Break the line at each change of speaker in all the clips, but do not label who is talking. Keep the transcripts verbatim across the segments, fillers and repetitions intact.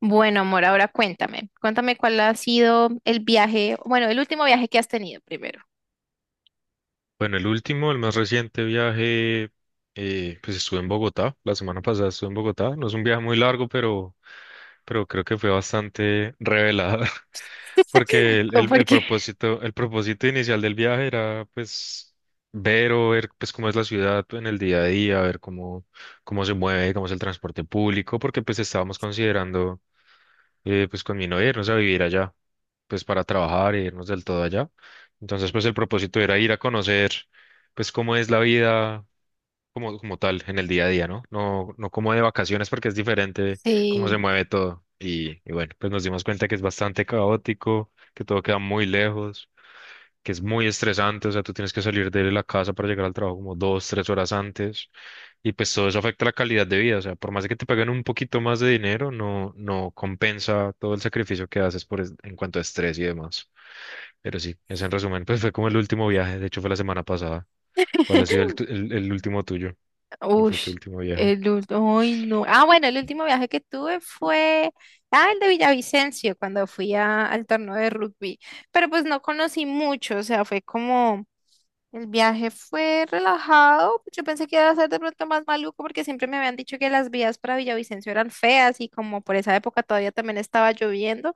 Bueno, amor, ahora cuéntame. Cuéntame cuál ha sido el viaje, bueno, el último viaje que has tenido primero.
Bueno, el último, el más reciente viaje, eh, pues estuve en Bogotá, la semana pasada estuve en Bogotá. No es un viaje muy largo, pero, pero creo que fue bastante revelador, porque el,
Co-
el- el
Porque,
propósito, el propósito inicial del viaje era pues ver o ver pues cómo es la ciudad en el día a día, ver cómo, cómo se mueve, cómo es el transporte público, porque pues estábamos considerando eh, pues con mi novia irnos a vivir allá, pues para trabajar e irnos del todo allá. Entonces, pues el propósito era ir a conocer, pues cómo es la vida como, como tal en el día a día, ¿no? No, no como de vacaciones porque es diferente cómo se
sí,
mueve todo. Y, y bueno, pues nos dimos cuenta que es bastante caótico, que todo queda muy lejos, que es muy estresante. O sea, tú tienes que salir de la casa para llegar al trabajo como dos, tres horas antes, y pues todo eso afecta la calidad de vida. O sea, por más de que te paguen un poquito más de dinero, no, no compensa todo el sacrificio que haces por, es- en cuanto a estrés y demás. Pero sí, ese en resumen, pues fue como el último viaje, de hecho fue la semana pasada. ¿Cuál ha sido el, tu- el, el último tuyo? ¿Cuál fue tu
ush,
último viaje?
el último, ay, no. Ah, bueno, el último viaje que tuve fue, ah, el de Villavicencio, cuando fui a- al torneo de rugby. Pero pues no conocí mucho, o sea, fue como el viaje fue relajado. Yo pensé que iba a ser de pronto más maluco porque siempre me habían dicho que las vías para Villavicencio eran feas y como por esa época todavía también estaba lloviendo,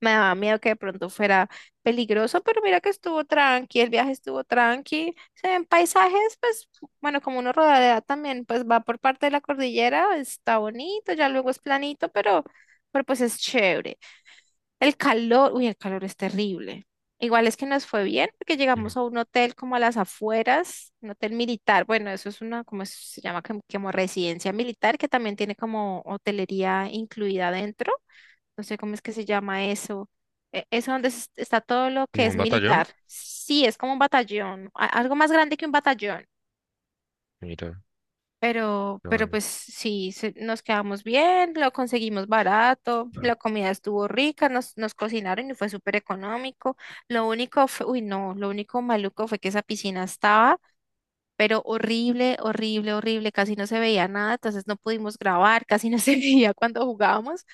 me daba miedo que de pronto fuera peligroso, pero mira que estuvo tranqui, el viaje estuvo tranqui. Se ven paisajes, pues bueno, como uno rodea también, pues va por parte de la cordillera, está bonito, ya luego es planito, pero, pero pues es chévere. El calor, uy, el calor es terrible. Igual es que nos fue bien porque
Ujú.
llegamos a un hotel como a las afueras, un hotel militar. Bueno, eso es una, como se llama, como, como residencia militar que también tiene como hotelería incluida dentro. No sé cómo es que se llama eso. E- Eso donde es- está todo lo que
¿Como
es
un
militar.
batallón?
Sí, es como un batallón, a- algo más grande que un batallón.
Mira,
Pero,
no,
pero
bueno.
pues sí, se- nos quedamos bien, lo conseguimos barato,
Claro.
la comida estuvo rica, nos, nos cocinaron y fue súper económico. Lo único fue, uy, no, lo único maluco fue que esa piscina estaba pero horrible, horrible, horrible, casi no se veía nada, entonces no pudimos grabar, casi no se veía cuando jugábamos,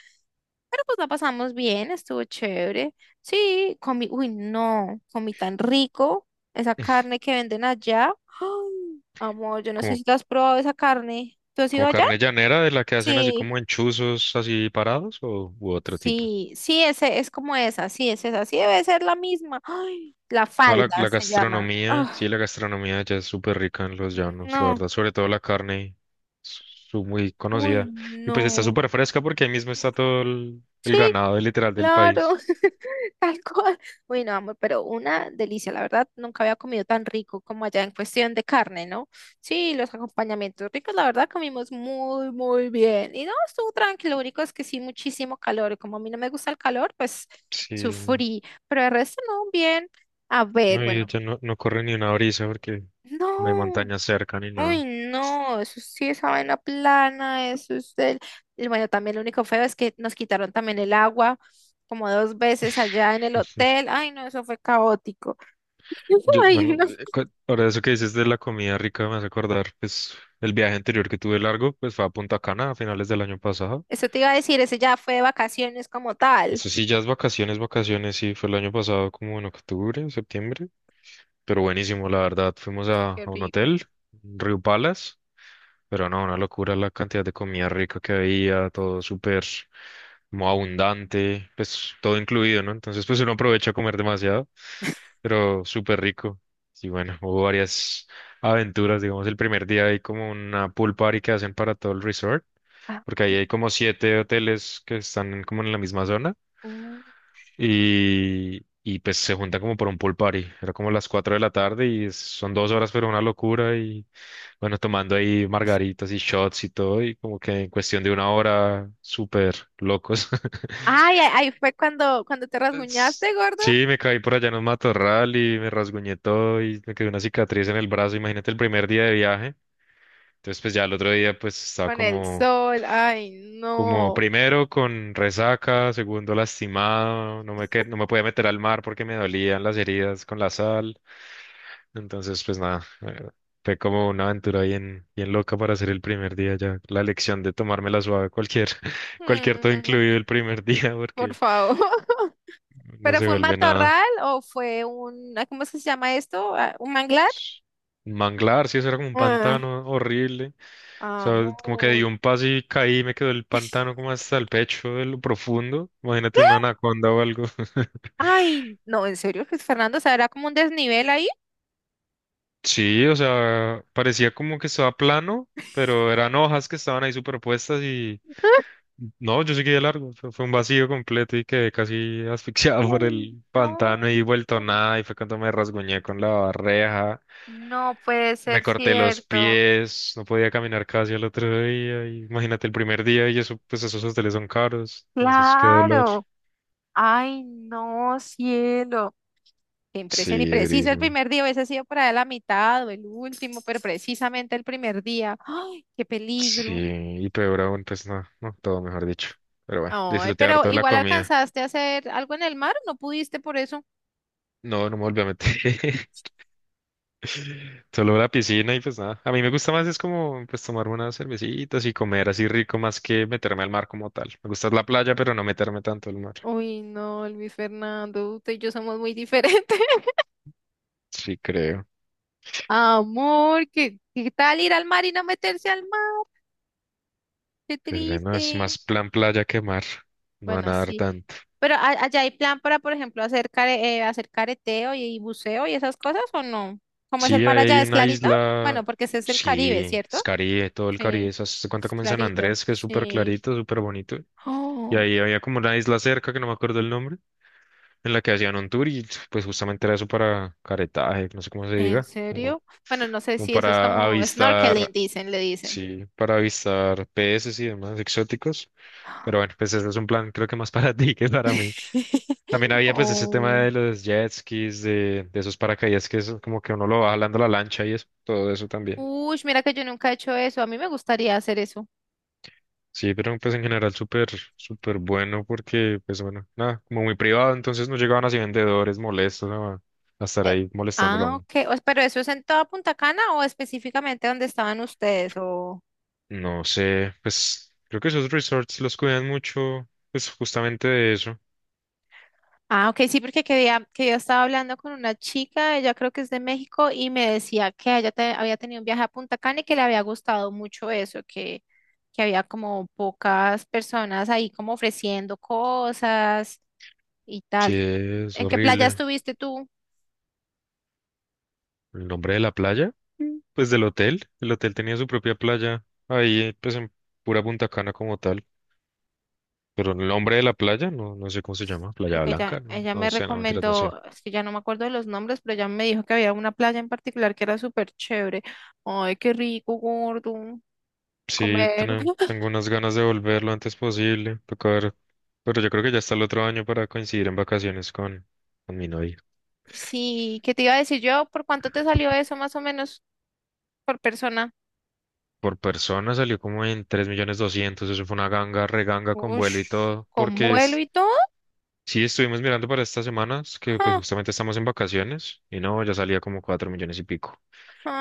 pero pues la pasamos bien, estuvo chévere. Sí, comí, uy, no, comí tan rico esa carne que venden allá. ¡Ay, amor! Yo no sé
Como
si tú has probado esa carne. ¿Tú has ido
como
allá?
carne llanera de la que hacen así como
Sí.
enchuzos así parados o u otro tipo.
Sí, sí, ese es como esa, sí, es esa, sí debe ser la misma. ¡Ay, la
No, la,
falda
la
se llama!
gastronomía,
Ah,
sí, la gastronomía ya es súper rica en los llanos, la
no,
verdad, sobre todo la carne, su, muy
uy,
conocida. Y pues está
no.
súper fresca porque ahí mismo está todo el, el
Sí,
ganado literal del
claro.
país.
Tal cual. Uy, no, amor, pero una delicia. La verdad, nunca había comido tan rico como allá en cuestión de carne, ¿no? Sí, los acompañamientos ricos, la verdad, comimos muy, muy bien. Y no, estuvo tranquilo. Lo único es que sí, muchísimo calor. Y como a mí no me gusta el calor, pues
Sí,
sufrí. Pero el resto, no, bien. A ver,
no, y
bueno,
ya no, no corre ni una brisa porque no hay
no.
montaña cerca ni nada.
Uy, no, eso sí, esa vaina plana, eso es del... Y bueno, también lo único feo es que nos quitaron también el agua como dos veces allá en el hotel. Ay, no, eso fue caótico.
Yo,
Ay,
bueno,
no.
eh, cu- ahora eso que dices de la comida rica me hace acordar, pues el viaje anterior que tuve largo, pues fue a Punta Cana a finales del año pasado.
Eso te iba a decir, ese ya fue de vacaciones como tal.
Eso sí, ya es vacaciones, vacaciones, sí, fue el año pasado como en octubre, septiembre, pero buenísimo, la verdad. Fuimos a,
Qué
a un
rico.
hotel, Río Palace. Pero no, una locura la cantidad de comida rica que había, todo súper como abundante, pues todo incluido, ¿no? Entonces, pues uno aprovecha a comer demasiado, pero súper rico. Y bueno, hubo varias aventuras. Digamos, el primer día hay como una pool party que hacen para todo el resort
Ah,
porque ahí
qué-
hay como siete hoteles que están en- como en la misma zona,
uh.
y, y pues se juntan como por un pool party. Era como las cuatro de la tarde y es- son dos horas, pero una locura. Y bueno, tomando ahí margaritas y shots y todo, y como que en cuestión de una hora, súper locos.
Ay, ay, ay, fue cuando, cuando te
Es-
rasguñaste, gordo,
Sí, me caí por allá en un matorral y me rasguñé todo y me quedó una cicatriz en el brazo. Imagínate el primer día de viaje. Entonces, pues ya el otro día, pues estaba
con el
como,
sol. Ay,
como
no.
primero con resaca, segundo lastimado, no me, que- no me podía meter al mar porque me dolían las heridas con la sal. Entonces, pues nada, eh, fue como una aventura bien, bien loca para hacer el primer día ya. La lección de tomármela suave cualquier, cualquier todo
Mm,
incluido el primer día
por
porque
favor.
no
¿Pero
se
fue un
vuelve nada.
matorral o fue un, ah, cómo es que se llama esto? Ah, ¿un manglar?
Un manglar, sí, eso era como un
Ah,
pantano horrible. O sea, como que di
amor.
un paso y caí, me quedó el pantano como hasta el pecho de lo profundo. Imagínate una anaconda o algo.
Ay, no, en serio, Luis Fernando, o sea, era como un desnivel ahí.
Sí, o sea, parecía como que estaba plano, pero eran hojas que estaban ahí superpuestas y no, yo seguí de largo. O sea, fue un vacío completo y quedé casi asfixiado por
Ay,
el pantano
no,
y vuelto nada. Y fue cuando me rasguñé con la reja.
no puede
Me
ser
corté los
cierto.
pies, no podía caminar casi al otro día. Y imagínate el primer día y eso, pues esos hoteles son caros, entonces qué dolor.
Claro. Ay, no, cielo. Qué impresión y
Sí,
preciso el
durísimo.
primer día, hubiese sido por ahí la mitad o el último, pero precisamente el primer día. ¡Ay, qué
Sí,
peligro!
y peor aún, pues no, no, todo mejor dicho. Pero bueno,
Ay,
disfruté
pero
harto de la
igual
comida.
alcanzaste a hacer algo en el mar, ¿no pudiste por eso?
No, no me volví a meter. Solo la piscina y pues nada. A mí me gusta más es como pues tomar unas cervecitas y comer así rico más que meterme al mar como tal. Me gusta la playa, pero no meterme tanto al mar.
Uy, no, Luis Fernando, usted y yo somos muy diferentes.
Sí, creo.
Amor, ¿qué, qué tal ir al mar y no meterse al mar? Qué
Pues bueno, es más
triste.
plan playa que mar, no van
Bueno,
a nadar
sí.
tanto.
Pero a- allá hay plan para, por ejemplo, hacer, care- eh, hacer careteo y, y buceo y esas cosas, ¿o no? ¿Cómo es el
Sí,
mar allá?
hay
¿Es
una
clarito? Bueno,
isla,
porque ese es el Caribe,
sí, es
¿cierto?
Caribe, todo el Caribe,
Sí,
esas- se cuenta
es
como en San
clarito.
Andrés, que es súper
Sí.
clarito, súper bonito. Y
Oh,
ahí había como una isla cerca, que no me acuerdo el nombre, en la que hacían un tour y pues justamente era eso para caretaje, no sé cómo se
¿en
diga, como,
serio? Bueno, no sé
como
si eso es
para
como snorkeling,
avistar,
dicen, le dicen.
sí, para avistar peces y demás exóticos. Pero bueno, pues ese es un plan creo que más para ti que para mí. También había pues ese tema
Oh.
de los jet skis, de, de esos paracaídas que es como que uno lo va jalando la lancha y eso, todo eso también.
Uy, mira que yo nunca he hecho eso. A mí me gustaría hacer eso.
Sí, pero pues en general súper, súper bueno porque pues bueno, nada, como muy privado, entonces no llegaban así vendedores molestos, ¿no? a, a estar
Eh,
ahí molestándolo a
ah,
uno.
ok. O pero eso es en toda Punta Cana o específicamente donde estaban ustedes o...
No sé, pues creo que esos resorts los cuidan mucho, pues justamente de eso.
Ah, ok, sí, porque que día, que yo estaba hablando con una chica, ella creo que es de México, y me decía que ella te- había tenido un viaje a Punta Cana y que le había gustado mucho eso, que, que había como pocas personas ahí como ofreciendo cosas y
Sí,
tal.
es
¿En qué playa
horrible.
estuviste tú?
¿El nombre de la playa? Mm, pues del hotel. El hotel tenía su propia playa ahí pues en pura Punta Cana como tal. Pero el hombre de la playa, no, no sé cómo se llama, Playa
Porque ella,
Blanca, no,
ella
no
me
sé, no mentiras, no sé.
recomendó, es que ya no me acuerdo de los nombres, pero ella me dijo que había una playa en particular que era súper chévere. Ay, qué rico, gordo,
Sí,
comer.
ten- tengo unas ganas de volver lo antes posible, toca ver, pero yo creo que ya está el otro año para coincidir en vacaciones con, con mi novia.
Sí, ¿qué te iba a decir yo? ¿Por cuánto te salió eso más o menos por persona?
Por persona salió como en tres millones doscientos, eso fue una ganga, reganga con vuelo
Ush,
y todo,
con
porque
vuelo
es,
y todo.
sí estuvimos mirando para estas semanas, que pues
Ja,
justamente estamos en vacaciones, y no, ya salía como cuatro millones y pico.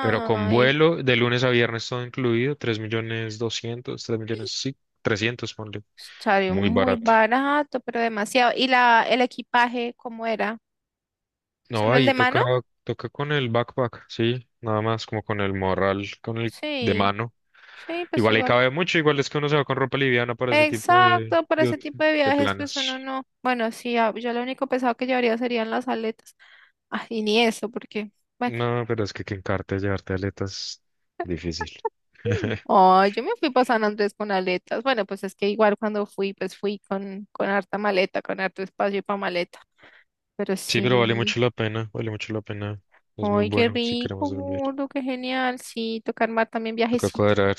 Pero con vuelo de lunes a viernes todo incluido, tres millones doscientos, tres millones, sí, trescientos ponle.
salió
Muy
muy
barato.
barato, pero demasiado. ¿Y la, el equipaje cómo era?
No,
¿Solo el
ahí
de mano?
toca, toca con el backpack, sí, nada más como con el morral, con el de
Sí,
mano.
sí, pues
Igual ahí
igual.
cabe mucho, igual es que uno se va con ropa liviana para ese tipo de,
Exacto, para
de,
ese tipo
ot-
de
de
viajes, pues uno
planes.
no. Bueno, sí, ah, yo lo único pesado que llevaría serían las aletas. Ah, y ni eso, porque, bueno.
No, pero es que que encarte llevarte aletas, difícil.
Ay, yo me fui para San Andrés con aletas. Bueno, pues es que igual cuando fui, pues fui con, con harta maleta, con harto espacio para maleta. Pero
Sí, pero vale
sí,
mucho la pena, vale mucho la pena. Es muy
ay, qué
bueno si
rico,
queremos volver.
gordo, qué genial. Sí, tocar mar también
Toca
viajecito.
cuadrar,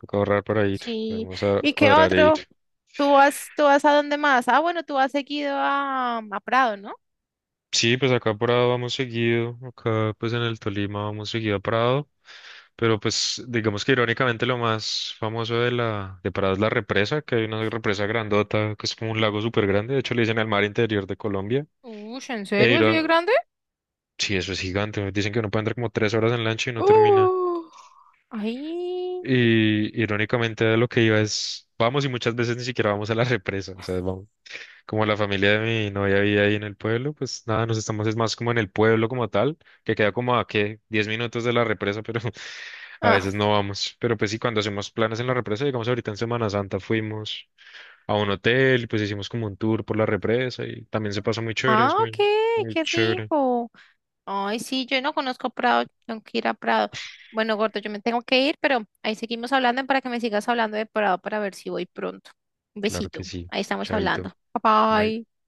toca ahorrar para ir.
Sí.
Vamos a
¿Y qué
cuadrar e
otro?
ir.
¿Tú vas, tú vas a dónde más? Ah, bueno, tú has seguido a, a Prado, ¿no?
Sí, pues acá a Prado vamos seguido. Acá, pues en el Tolima vamos seguido a Prado. Pero pues digamos que irónicamente lo más famoso de la de Prado es la represa, que hay una represa grandota que es como un lago súper grande. De hecho le dicen el mar interior de Colombia.
Uy, ¿en
E
serio? ¿Sigue
iró-
grande?
sí, eso es gigante. Dicen que uno puede andar como tres horas en lancha y no termina.
Uh, ay.
Y irónicamente a lo que iba es, vamos y muchas veces ni siquiera vamos a la represa. O sea, vamos. Como la familia de mi novia vive ahí en el pueblo, pues nada, nos estamos es más como en el pueblo como tal, que queda como a qué, diez minutos de la represa, pero a
Ah,
veces no vamos. Pero pues sí, cuando hacemos planes en la represa, digamos ahorita en Semana Santa fuimos a un hotel y pues hicimos como un tour por la represa y también se pasó muy chévere,
ah,
es
ok,
muy, muy
qué
chévere.
rico. Ay, sí, yo no conozco Prado, tengo que ir a Prado. Bueno, gordo, yo me tengo que ir, pero ahí seguimos hablando para que me sigas hablando de Prado para ver si voy pronto. Un
Claro que
besito,
sí,
ahí estamos
chaito,
hablando. Bye
bye.
bye.